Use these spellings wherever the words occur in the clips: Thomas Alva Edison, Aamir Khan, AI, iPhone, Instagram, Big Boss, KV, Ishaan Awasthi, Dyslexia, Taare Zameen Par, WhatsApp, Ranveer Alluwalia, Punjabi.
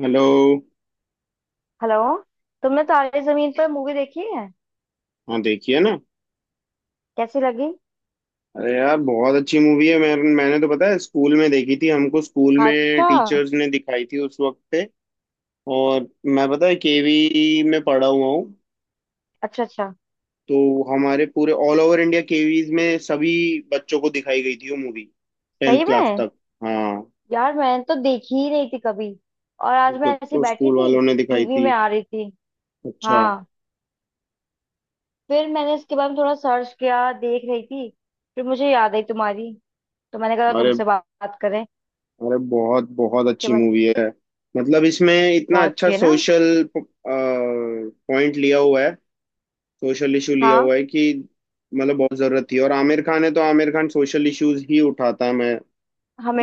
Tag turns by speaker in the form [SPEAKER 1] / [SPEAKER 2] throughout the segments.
[SPEAKER 1] Hello.
[SPEAKER 2] Hello. तुमने Taare Zameen Par movie देखी है?
[SPEAKER 1] हाँ, देखिए ना।
[SPEAKER 2] कैसी लगी?
[SPEAKER 1] अरे यार, बहुत अच्छी मूवी है। मैंने तो, पता है, स्कूल में देखी थी। हमको स्कूल में
[SPEAKER 2] अच्छा
[SPEAKER 1] टीचर्स ने दिखाई थी उस वक्त पे। और मैं, पता है, केवी में पढ़ा हुआ हूँ।
[SPEAKER 2] अच्छा अच्छा।
[SPEAKER 1] तो हमारे पूरे ऑल ओवर इंडिया केवीज में सभी बच्चों को दिखाई गई थी वो मूवी, टेंथ
[SPEAKER 2] सही
[SPEAKER 1] क्लास
[SPEAKER 2] में?
[SPEAKER 1] तक। हाँ।
[SPEAKER 2] यार मैंने तो देखी ही नहीं थी कभी। और आज
[SPEAKER 1] मेरे को
[SPEAKER 2] मैं ऐसी
[SPEAKER 1] तो
[SPEAKER 2] बैठी
[SPEAKER 1] स्कूल
[SPEAKER 2] थी,
[SPEAKER 1] वालों ने दिखाई
[SPEAKER 2] टीवी
[SPEAKER 1] थी।
[SPEAKER 2] में आ रही थी।
[SPEAKER 1] अच्छा।
[SPEAKER 2] हाँ। फिर मैंने इसके बारे में थोड़ा सर्च किया, देख रही थी। फिर मुझे याद आई तुम्हारी। तो मैंने कहा
[SPEAKER 1] अरे,
[SPEAKER 2] तुमसे बात बात करें
[SPEAKER 1] अरे बहुत बहुत
[SPEAKER 2] इसके
[SPEAKER 1] अच्छी
[SPEAKER 2] बारे में।
[SPEAKER 1] मूवी है। मतलब, इसमें इतना
[SPEAKER 2] बहुत
[SPEAKER 1] अच्छा
[SPEAKER 2] अच्छी है ना।
[SPEAKER 1] सोशल पॉइंट लिया हुआ है, सोशल इशू लिया
[SPEAKER 2] हाँ,
[SPEAKER 1] हुआ है कि, मतलब, बहुत जरूरत थी। और आमिर खान है तो आमिर खान सोशल इश्यूज ही उठाता है। मैं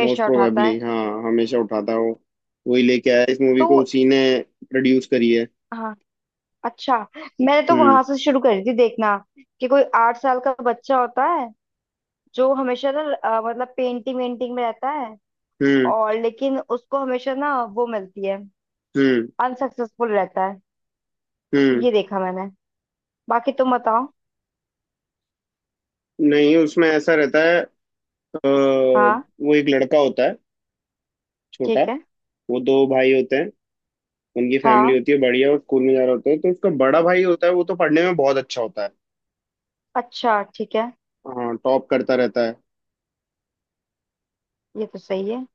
[SPEAKER 1] मोस्ट
[SPEAKER 2] उठाता है।
[SPEAKER 1] प्रोबेबली, हाँ, हमेशा उठाता है वो। वही लेके आया है इस मूवी
[SPEAKER 2] तो।
[SPEAKER 1] को, उसी ने प्रोड्यूस करी है।
[SPEAKER 2] हाँ। अच्छा, मैंने तो
[SPEAKER 1] हम्म।
[SPEAKER 2] वहां से शुरू करी थी देखना कि कोई 8 साल का बच्चा होता है जो हमेशा ना मतलब पेंटिंग वेंटिंग में रहता है
[SPEAKER 1] हम्म।
[SPEAKER 2] और लेकिन उसको हमेशा ना वो मिलती है,
[SPEAKER 1] हम्म।
[SPEAKER 2] अनसक्सेसफुल रहता है।
[SPEAKER 1] हम्म।
[SPEAKER 2] ये देखा मैंने, बाकी तुम बताओ।
[SPEAKER 1] नहीं, उसमें ऐसा रहता है
[SPEAKER 2] हाँ।
[SPEAKER 1] वो एक लड़का होता है, छोटा।
[SPEAKER 2] ठीक है।
[SPEAKER 1] वो दो भाई होते हैं। उनकी फैमिली
[SPEAKER 2] हाँ।
[SPEAKER 1] होती है बढ़िया। वो स्कूल में जा रहा होता है तो उसका बड़ा भाई होता है, वो तो पढ़ने में बहुत अच्छा होता है।
[SPEAKER 2] अच्छा ठीक है।
[SPEAKER 1] हाँ, टॉप करता रहता है
[SPEAKER 2] ये तो सही है।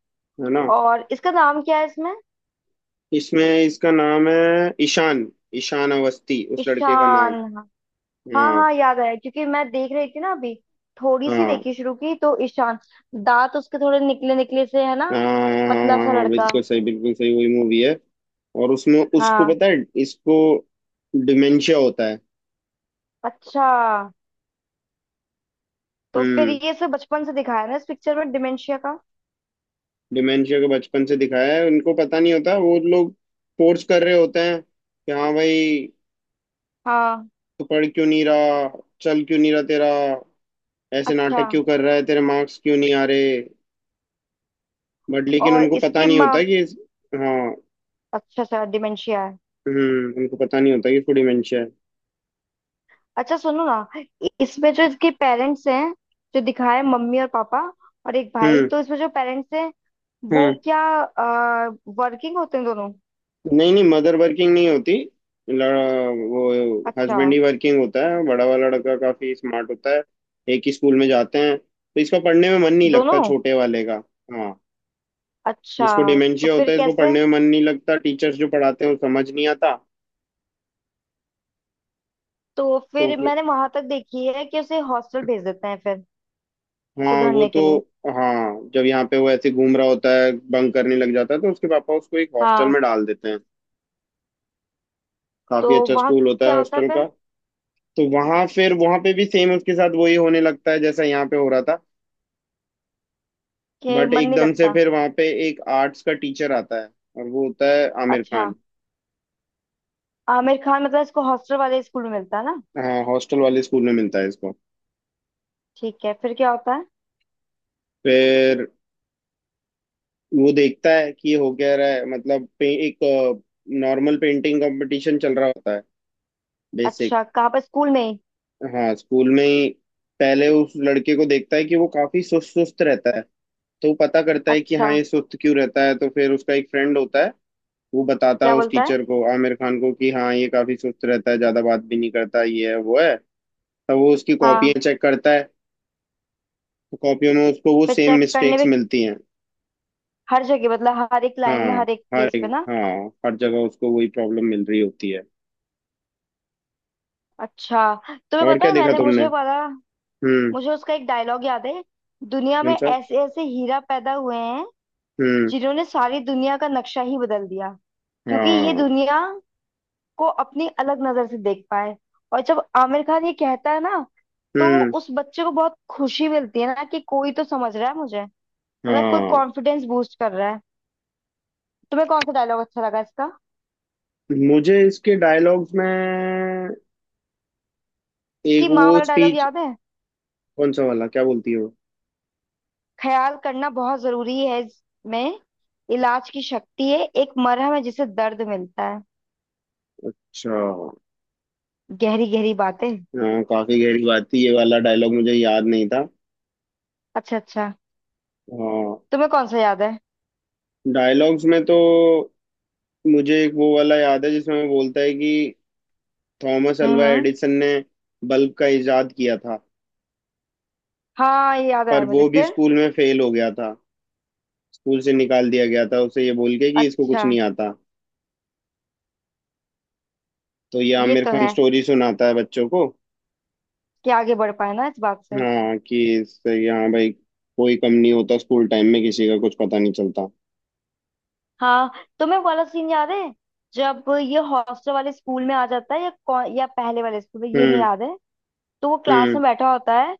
[SPEAKER 1] है ना।
[SPEAKER 2] और इसका नाम क्या है इसमें?
[SPEAKER 1] इसमें इसका नाम है ईशान। ईशान अवस्थी उस लड़के का
[SPEAKER 2] ईशान,
[SPEAKER 1] नाम।
[SPEAKER 2] हाँ। हाँ
[SPEAKER 1] हाँ
[SPEAKER 2] हाँ, याद आया क्योंकि मैं देख रही थी ना अभी। थोड़ी सी
[SPEAKER 1] हाँ।
[SPEAKER 2] देखी शुरू की, तो ईशान दांत उसके थोड़े निकले निकले से है ना।
[SPEAKER 1] हाँ हाँ।
[SPEAKER 2] पतला
[SPEAKER 1] हाँ
[SPEAKER 2] सा
[SPEAKER 1] हाँ,
[SPEAKER 2] लड़का।
[SPEAKER 1] बिल्कुल सही, बिल्कुल सही, वही मूवी है। और उसमें उसको,
[SPEAKER 2] हाँ।
[SPEAKER 1] पता है, इसको डिमेंशिया होता है।
[SPEAKER 2] अच्छा, तो फिर
[SPEAKER 1] हम्म,
[SPEAKER 2] ये सब बचपन से दिखाया ना इस पिक्चर में डिमेंशिया का।
[SPEAKER 1] डिमेंशिया के बचपन से दिखाया है। उनको पता नहीं होता, वो लोग फोर्स कर रहे होते हैं कि हाँ भाई,
[SPEAKER 2] हाँ।
[SPEAKER 1] तू पढ़ क्यों नहीं रहा, चल क्यों नहीं रहा तेरा, ऐसे
[SPEAKER 2] अच्छा,
[SPEAKER 1] नाटक क्यों कर रहा है, तेरे मार्क्स क्यों नहीं आ रहे। बट लेकिन
[SPEAKER 2] और
[SPEAKER 1] उनको पता
[SPEAKER 2] इसके
[SPEAKER 1] नहीं होता
[SPEAKER 2] माँ?
[SPEAKER 1] कि हाँ।
[SPEAKER 2] अच्छा अच्छा, डिमेंशिया है।
[SPEAKER 1] हम्म, उनको पता नहीं होता कि उसको डिमेंशिया है।
[SPEAKER 2] अच्छा सुनो ना, इसमें जो इसके पेरेंट्स हैं, जो दिखाए मम्मी और पापा, और एक भाई,
[SPEAKER 1] हम्म।
[SPEAKER 2] तो इसमें जो पेरेंट्स हैं वो
[SPEAKER 1] हम्म।
[SPEAKER 2] क्या, वर्किंग होते हैं दोनों?
[SPEAKER 1] नहीं नहीं, मदर वर्किंग नहीं होती। लड़ा, वो
[SPEAKER 2] अच्छा,
[SPEAKER 1] हस्बैंड ही वर्किंग होता है। बड़ा वाला लड़का काफी स्मार्ट होता है। एक ही स्कूल में जाते हैं तो इसका पढ़ने में मन नहीं लगता,
[SPEAKER 2] दोनों।
[SPEAKER 1] छोटे वाले का। हाँ,
[SPEAKER 2] अच्छा,
[SPEAKER 1] जिसको
[SPEAKER 2] तो
[SPEAKER 1] डिमेंशिया
[SPEAKER 2] फिर
[SPEAKER 1] होता है इसको
[SPEAKER 2] कैसे?
[SPEAKER 1] पढ़ने में मन नहीं लगता, टीचर्स जो पढ़ाते हैं वो समझ नहीं आता।
[SPEAKER 2] तो
[SPEAKER 1] तो
[SPEAKER 2] फिर
[SPEAKER 1] फिर,
[SPEAKER 2] मैंने वहां तक देखी है कि उसे हॉस्टल भेज देते हैं फिर,
[SPEAKER 1] हाँ वो
[SPEAKER 2] सुधरने
[SPEAKER 1] तो,
[SPEAKER 2] के लिए।
[SPEAKER 1] हाँ जब यहाँ पे वो ऐसे घूम रहा होता है, बंक करने लग जाता है, तो उसके पापा उसको एक हॉस्टल
[SPEAKER 2] हाँ।
[SPEAKER 1] में डाल देते हैं।
[SPEAKER 2] तो
[SPEAKER 1] काफी अच्छा
[SPEAKER 2] वहां
[SPEAKER 1] स्कूल होता है
[SPEAKER 2] क्या होता है
[SPEAKER 1] हॉस्टल का।
[SPEAKER 2] फिर?
[SPEAKER 1] तो वहां फिर वहां पे भी सेम उसके साथ वही होने लगता है जैसा यहाँ पे हो रहा था।
[SPEAKER 2] कि
[SPEAKER 1] बट
[SPEAKER 2] मन नहीं
[SPEAKER 1] एकदम से
[SPEAKER 2] लगता।
[SPEAKER 1] फिर वहां पे एक आर्ट्स का टीचर आता है, और वो होता है आमिर
[SPEAKER 2] अच्छा।
[SPEAKER 1] खान।
[SPEAKER 2] आमिर खान मतलब इसको हॉस्टल वाले स्कूल में मिलता है ना।
[SPEAKER 1] हाँ, हॉस्टल वाले स्कूल में मिलता है इसको।
[SPEAKER 2] ठीक है, फिर क्या होता है?
[SPEAKER 1] फिर वो देखता है कि ये हो क्या रहा है। मतलब एक नॉर्मल पेंटिंग कंपटीशन चल रहा होता है, बेसिक।
[SPEAKER 2] अच्छा, कहाँ पर, स्कूल में ही?
[SPEAKER 1] हाँ, स्कूल में ही पहले उस लड़के को देखता है कि वो काफी सुस्त सुस्त रहता है। तो वो पता करता है कि
[SPEAKER 2] अच्छा
[SPEAKER 1] हाँ ये सुस्त क्यों रहता है। तो फिर उसका एक फ्रेंड होता है, वो बताता है
[SPEAKER 2] क्या
[SPEAKER 1] उस
[SPEAKER 2] बोलता है?
[SPEAKER 1] टीचर को, आमिर खान को कि हाँ, ये काफी सुस्त रहता है, ज्यादा बात भी नहीं करता, ये है वो है। तब वो उसकी
[SPEAKER 2] हाँ।
[SPEAKER 1] कॉपियां चेक करता है। तो कॉपियों में उसको वो
[SPEAKER 2] फिर
[SPEAKER 1] सेम
[SPEAKER 2] चेक करने
[SPEAKER 1] मिस्टेक्स
[SPEAKER 2] भी।
[SPEAKER 1] मिलती हैं।
[SPEAKER 2] हर जगह मतलब हर एक लाइन में
[SPEAKER 1] हाँ।
[SPEAKER 2] हर एक
[SPEAKER 1] हर
[SPEAKER 2] प्लेस पे ना।
[SPEAKER 1] हाँ, हर जगह उसको वही प्रॉब्लम मिल रही होती है।
[SPEAKER 2] अच्छा। तुम्हें
[SPEAKER 1] और
[SPEAKER 2] पता
[SPEAKER 1] क्या
[SPEAKER 2] है,
[SPEAKER 1] देखा
[SPEAKER 2] मैंने मुझे
[SPEAKER 1] तुमने।
[SPEAKER 2] वाला,
[SPEAKER 1] हम्म।
[SPEAKER 2] मुझे उसका एक डायलॉग याद है। दुनिया में
[SPEAKER 1] कौन सा।
[SPEAKER 2] ऐसे ऐसे हीरा पैदा हुए हैं
[SPEAKER 1] हम्म।
[SPEAKER 2] जिन्होंने सारी दुनिया का नक्शा ही बदल दिया, क्योंकि ये
[SPEAKER 1] हाँ।
[SPEAKER 2] दुनिया को अपनी अलग नजर से देख पाए। और जब आमिर खान ये कहता है ना, तो
[SPEAKER 1] हम्म।
[SPEAKER 2] उस बच्चे को बहुत खुशी मिलती है ना, कि कोई तो समझ रहा है मुझे, मतलब कोई
[SPEAKER 1] हाँ,
[SPEAKER 2] कॉन्फिडेंस बूस्ट कर रहा है। तुम्हें कौन सा डायलॉग अच्छा लगा इसका?
[SPEAKER 1] मुझे इसके डायलॉग्स में एक
[SPEAKER 2] इसकी माँ
[SPEAKER 1] वो
[SPEAKER 2] वाला डायलॉग
[SPEAKER 1] स्पीच।
[SPEAKER 2] याद है।
[SPEAKER 1] कौन सा वाला, क्या बोलती है वो।
[SPEAKER 2] ख्याल करना बहुत जरूरी है इसमें। इलाज की शक्ति है, एक मरहम है जिसे दर्द मिलता है।
[SPEAKER 1] अच्छा।
[SPEAKER 2] गहरी गहरी बातें।
[SPEAKER 1] हाँ, काफी गहरी बात थी, ये वाला डायलॉग मुझे याद नहीं था।
[SPEAKER 2] अच्छा अच्छा।
[SPEAKER 1] हाँ।
[SPEAKER 2] तुम्हें कौन सा याद है?
[SPEAKER 1] डायलॉग्स में तो मुझे एक वो वाला याद है जिसमें वो बोलता है कि थॉमस अल्वा
[SPEAKER 2] हम्म।
[SPEAKER 1] एडिसन ने बल्ब का इजाद किया था,
[SPEAKER 2] हाँ, ये याद आया
[SPEAKER 1] पर
[SPEAKER 2] मुझे
[SPEAKER 1] वो भी
[SPEAKER 2] फिर।
[SPEAKER 1] स्कूल में फेल हो गया था, स्कूल से निकाल दिया गया था उसे, ये बोल के कि इसको
[SPEAKER 2] अच्छा।
[SPEAKER 1] कुछ नहीं आता। तो ये
[SPEAKER 2] ये
[SPEAKER 1] आमिर
[SPEAKER 2] तो
[SPEAKER 1] खान
[SPEAKER 2] है,
[SPEAKER 1] स्टोरी सुनाता है बच्चों को।
[SPEAKER 2] कि आगे बढ़ पाए ना इस बात से।
[SPEAKER 1] हाँ, कि इससे यहाँ भाई कोई कम नहीं होता, स्कूल टाइम में किसी का कुछ पता नहीं चलता।
[SPEAKER 2] हाँ। तुम्हें वो वाला सीन याद है, जब ये हॉस्टल वाले स्कूल में आ जाता है, या कौन, या पहले वाले स्कूल में, ये नहीं
[SPEAKER 1] हम्म।
[SPEAKER 2] याद है। तो वो क्लास
[SPEAKER 1] हम्म।
[SPEAKER 2] में बैठा होता है,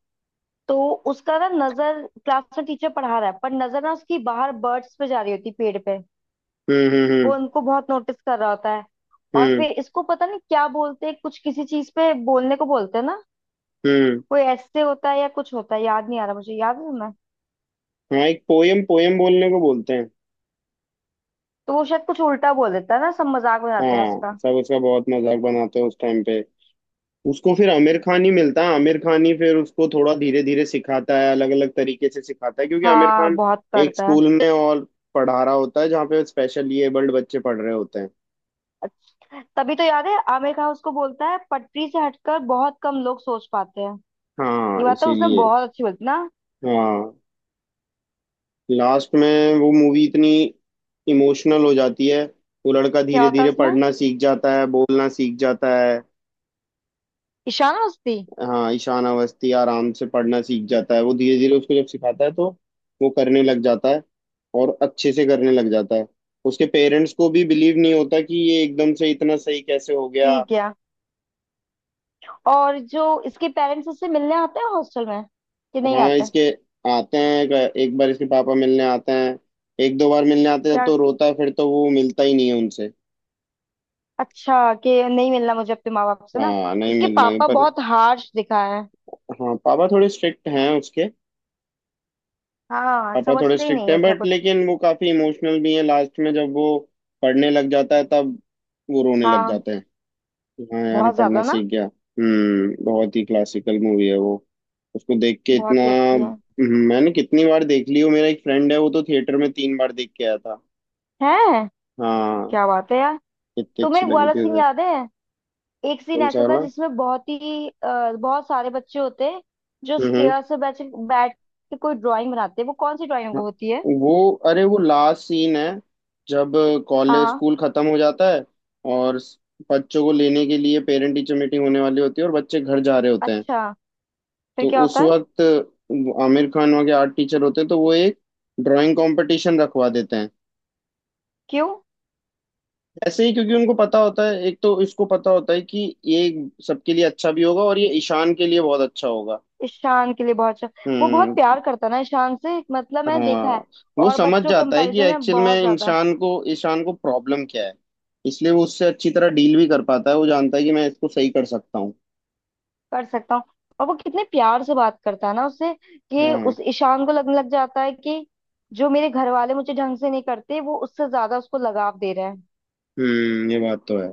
[SPEAKER 2] तो उसका ना नजर, क्लास में टीचर पढ़ा रहा है पर नजर ना उसकी बाहर बर्ड्स पे जा रही होती है, पेड़ पे।
[SPEAKER 1] हम्म।
[SPEAKER 2] वो
[SPEAKER 1] हम्म।
[SPEAKER 2] उनको बहुत नोटिस कर रहा होता है। और
[SPEAKER 1] हम्म।
[SPEAKER 2] फिर इसको पता नहीं क्या बोलते हैं, कुछ किसी चीज पे बोलने को बोलते हैं ना,
[SPEAKER 1] हम्म। हम्म।
[SPEAKER 2] कोई ऐसे होता है या कुछ होता है, याद नहीं आ रहा, मुझे याद है तुम्हें?
[SPEAKER 1] हाँ, एक पोयम पोयम बोलने को बोलते हैं।
[SPEAKER 2] तो वो शायद कुछ उल्टा बोल देता है ना, सब मजाक बनाते हैं
[SPEAKER 1] हाँ,
[SPEAKER 2] उसका।
[SPEAKER 1] सब उसका बहुत मजाक बनाते हैं उस टाइम पे। उसको फिर आमिर खान ही मिलता है। आमिर खान ही फिर उसको थोड़ा धीरे धीरे सिखाता है, अलग अलग तरीके से सिखाता है, क्योंकि आमिर
[SPEAKER 2] हाँ
[SPEAKER 1] खान
[SPEAKER 2] बहुत
[SPEAKER 1] एक
[SPEAKER 2] करता है।
[SPEAKER 1] स्कूल में और पढ़ा रहा होता है जहाँ पे स्पेशली एबल्ड बच्चे पढ़ रहे होते हैं।
[SPEAKER 2] अच्छा तभी तो याद है, आमिर खान उसको बोलता है पटरी से हटकर बहुत कम लोग सोच पाते हैं। ये
[SPEAKER 1] हाँ,
[SPEAKER 2] बात तो उसने
[SPEAKER 1] इसीलिए।
[SPEAKER 2] बहुत अच्छी बोली थी ना।
[SPEAKER 1] हाँ, लास्ट में वो मूवी इतनी इमोशनल हो जाती है। वो लड़का
[SPEAKER 2] क्या
[SPEAKER 1] धीरे
[SPEAKER 2] होता है
[SPEAKER 1] धीरे
[SPEAKER 2] उसमें,
[SPEAKER 1] पढ़ना सीख जाता है, बोलना सीख जाता है।
[SPEAKER 2] ईशान अवस्थी?
[SPEAKER 1] हाँ, ईशान अवस्थी आराम से पढ़ना सीख जाता है। वो धीरे धीरे उसको जब सिखाता है तो वो करने लग जाता है, और अच्छे से करने लग जाता है। उसके पेरेंट्स को भी बिलीव नहीं होता कि ये एकदम से इतना सही कैसे हो गया।
[SPEAKER 2] ठीक है। और जो इसके पेरेंट्स उससे मिलने आते हैं हॉस्टल में, कि नहीं
[SPEAKER 1] हाँ,
[SPEAKER 2] आते?
[SPEAKER 1] इसके आते हैं। एक बार इसके पापा मिलने आते हैं, एक दो बार मिलने आते हैं
[SPEAKER 2] क्या?
[SPEAKER 1] तो रोता है, फिर तो वो मिलता ही नहीं है उनसे।
[SPEAKER 2] अच्छा, कि नहीं मिलना मुझे अपने माँ बाप से ना।
[SPEAKER 1] हाँ, नहीं
[SPEAKER 2] इसके
[SPEAKER 1] मिलना ही,
[SPEAKER 2] पापा
[SPEAKER 1] पर।
[SPEAKER 2] बहुत हार्श दिखा है।
[SPEAKER 1] हाँ, पापा थोड़े स्ट्रिक्ट हैं उसके।
[SPEAKER 2] हाँ,
[SPEAKER 1] पापा थोड़े
[SPEAKER 2] समझते ही
[SPEAKER 1] स्ट्रिक्ट
[SPEAKER 2] नहीं है
[SPEAKER 1] हैं,
[SPEAKER 2] इसमें
[SPEAKER 1] बट
[SPEAKER 2] कुछ।
[SPEAKER 1] लेकिन वो काफी इमोशनल भी हैं। लास्ट में जब वो पढ़ने लग जाता है तब वो रोने लग
[SPEAKER 2] हाँ।
[SPEAKER 1] जाते हैं कि हाँ यार, ये
[SPEAKER 2] बहुत
[SPEAKER 1] पढ़ना
[SPEAKER 2] ज्यादा ना।
[SPEAKER 1] सीख गया। हम्म, बहुत ही क्लासिकल मूवी है वो। उसको देख के इतना,
[SPEAKER 2] बहुत ही अच्छी है।
[SPEAKER 1] मैंने कितनी बार देख ली हूँ। मेरा एक फ्रेंड है, वो तो थिएटर में 3 बार देख के आया था।
[SPEAKER 2] है।
[SPEAKER 1] हाँ,
[SPEAKER 2] क्या बात है यार।
[SPEAKER 1] कितनी अच्छी
[SPEAKER 2] तुम्हें
[SPEAKER 1] लगी
[SPEAKER 2] ग्वाला
[SPEAKER 1] थी
[SPEAKER 2] सिंह
[SPEAKER 1] उसे।
[SPEAKER 2] याद है? एक सीन
[SPEAKER 1] कौन
[SPEAKER 2] ऐसा
[SPEAKER 1] सा
[SPEAKER 2] था
[SPEAKER 1] वाला।
[SPEAKER 2] जिसमें बहुत ही बहुत सारे बच्चे होते हैं, जो
[SPEAKER 1] हम्म।
[SPEAKER 2] स्टेयर से बैठ बैठ के कोई ड्राइंग बनाते हैं। वो कौन सी ड्राइंग
[SPEAKER 1] हाँ,
[SPEAKER 2] होती है?
[SPEAKER 1] वो अरे वो लास्ट सीन है जब
[SPEAKER 2] हाँ
[SPEAKER 1] कॉलेज
[SPEAKER 2] हाँ।
[SPEAKER 1] स्कूल खत्म हो जाता है, और बच्चों को लेने के लिए पेरेंट टीचर मीटिंग होने वाली होती है और बच्चे घर जा रहे होते हैं।
[SPEAKER 2] अच्छा, फिर
[SPEAKER 1] तो
[SPEAKER 2] क्या
[SPEAKER 1] उस
[SPEAKER 2] होता है?
[SPEAKER 1] वक्त आमिर खान वहाँ के आर्ट टीचर होते हैं, तो वो एक ड्राइंग कंपटीशन रखवा देते हैं।
[SPEAKER 2] क्यों?
[SPEAKER 1] ऐसे ही, क्योंकि उनको पता होता है, एक तो इसको पता होता है कि ये सबके लिए अच्छा भी होगा और ये ईशान के लिए बहुत अच्छा होगा।
[SPEAKER 2] ईशान के लिए बहुत अच्छा। वो बहुत
[SPEAKER 1] हम्म।
[SPEAKER 2] प्यार करता है ना ईशान से, मतलब मैंने
[SPEAKER 1] हाँ,
[SPEAKER 2] देखा है।
[SPEAKER 1] वो
[SPEAKER 2] और
[SPEAKER 1] समझ
[SPEAKER 2] बच्चों
[SPEAKER 1] जाता है कि
[SPEAKER 2] कंपैरिजन में
[SPEAKER 1] एक्चुअल
[SPEAKER 2] बहुत
[SPEAKER 1] में
[SPEAKER 2] ज्यादा।
[SPEAKER 1] इंसान को प्रॉब्लम क्या है। इसलिए वो उससे अच्छी तरह डील भी कर पाता है, वो जानता है कि मैं इसको सही कर सकता हूँ।
[SPEAKER 2] कर सकता हूँ। और वो कितने प्यार से बात करता है ना उससे, कि
[SPEAKER 1] हाँ।
[SPEAKER 2] उस ईशान को लगने लग जाता है कि जो मेरे घर वाले मुझे ढंग से नहीं करते, वो उससे ज्यादा उसको लगाव दे रहे हैं।
[SPEAKER 1] हम्म, ये बात तो है।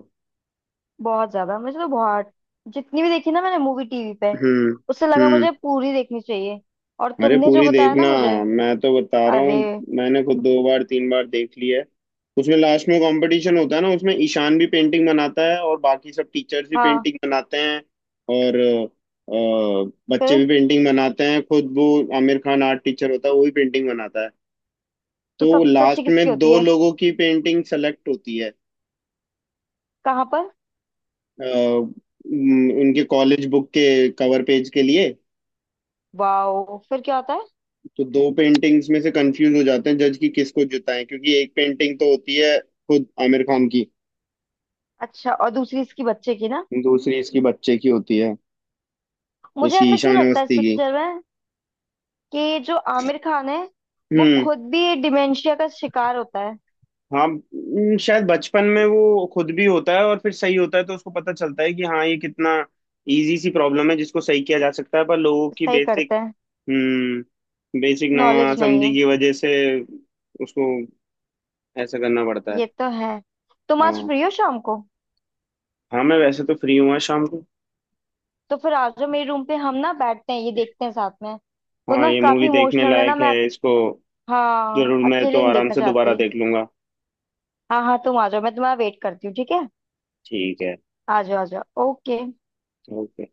[SPEAKER 2] बहुत ज्यादा, मुझे तो बहुत, जितनी भी देखी ना मैंने मूवी टीवी पे,
[SPEAKER 1] हम्म।
[SPEAKER 2] उससे लगा
[SPEAKER 1] हम्म।
[SPEAKER 2] मुझे पूरी देखनी चाहिए। और
[SPEAKER 1] अरे,
[SPEAKER 2] तुमने जो
[SPEAKER 1] पूरी
[SPEAKER 2] बताया ना
[SPEAKER 1] देखना।
[SPEAKER 2] मुझे।
[SPEAKER 1] मैं तो बता रहा हूँ,
[SPEAKER 2] अरे।
[SPEAKER 1] मैंने खुद 2 बार 3 बार देख ली है। उसमें लास्ट में कंपटीशन होता है ना, उसमें ईशान भी पेंटिंग बनाता है और बाकी सब टीचर्स भी
[SPEAKER 2] हाँ।
[SPEAKER 1] पेंटिंग बनाते हैं। और बच्चे
[SPEAKER 2] फिर
[SPEAKER 1] भी पेंटिंग बनाते हैं, खुद वो। आमिर खान आर्ट टीचर होता है, वो भी पेंटिंग बनाता है।
[SPEAKER 2] तो
[SPEAKER 1] तो
[SPEAKER 2] सबसे अच्छी
[SPEAKER 1] लास्ट
[SPEAKER 2] किसकी
[SPEAKER 1] में
[SPEAKER 2] होती
[SPEAKER 1] दो
[SPEAKER 2] है?
[SPEAKER 1] लोगों की पेंटिंग सेलेक्ट होती है,
[SPEAKER 2] कहाँ पर?
[SPEAKER 1] उनके कॉलेज बुक के कवर पेज के लिए।
[SPEAKER 2] वाओ, फिर क्या होता है?
[SPEAKER 1] तो दो पेंटिंग्स में से कंफ्यूज हो जाते हैं जज, कि किसको जिताएं, क्योंकि एक पेंटिंग तो होती है खुद आमिर खान की,
[SPEAKER 2] अच्छा, और दूसरी इसकी बच्चे की ना।
[SPEAKER 1] दूसरी इसकी बच्चे की होती है,
[SPEAKER 2] मुझे
[SPEAKER 1] इसकी
[SPEAKER 2] ऐसा क्यों
[SPEAKER 1] ईशान
[SPEAKER 2] लगता है इस
[SPEAKER 1] अवस्थी की।
[SPEAKER 2] पिक्चर में, कि जो आमिर खान है वो
[SPEAKER 1] हम्म।
[SPEAKER 2] खुद भी डिमेंशिया का शिकार होता है?
[SPEAKER 1] हाँ, शायद बचपन में वो खुद भी होता है और फिर सही होता है तो उसको पता चलता है कि हाँ, ये कितना इजी सी प्रॉब्लम है जिसको सही किया जा सकता है, पर लोगों की
[SPEAKER 2] सही
[SPEAKER 1] बेसिक,
[SPEAKER 2] करते हैं।
[SPEAKER 1] हम्म, बेसिक
[SPEAKER 2] नॉलेज नहीं
[SPEAKER 1] नासमझी
[SPEAKER 2] है।
[SPEAKER 1] की वजह से उसको ऐसा करना पड़ता
[SPEAKER 2] ये
[SPEAKER 1] है।
[SPEAKER 2] तो है। तुम आज
[SPEAKER 1] हाँ।
[SPEAKER 2] फ्री हो शाम को?
[SPEAKER 1] हाँ, मैं वैसे तो फ्री हूँ आज शाम को।
[SPEAKER 2] तो फिर आ जाओ मेरे रूम पे, हम ना बैठते हैं ये देखते हैं साथ में। तो
[SPEAKER 1] हाँ,
[SPEAKER 2] ना
[SPEAKER 1] ये
[SPEAKER 2] काफी
[SPEAKER 1] मूवी देखने
[SPEAKER 2] इमोशनल है ना
[SPEAKER 1] लायक है
[SPEAKER 2] मैं,
[SPEAKER 1] इसको।
[SPEAKER 2] हाँ,
[SPEAKER 1] जरूर, मैं तो
[SPEAKER 2] अकेले नहीं
[SPEAKER 1] आराम
[SPEAKER 2] देखना
[SPEAKER 1] से दोबारा
[SPEAKER 2] चाहती।
[SPEAKER 1] देख लूंगा।
[SPEAKER 2] हाँ हाँ, तुम आ जाओ, मैं तुम्हारा वेट करती हूँ, ठीक है।
[SPEAKER 1] ठीक है।
[SPEAKER 2] आ जाओ आ जाओ, ओके।
[SPEAKER 1] ओके।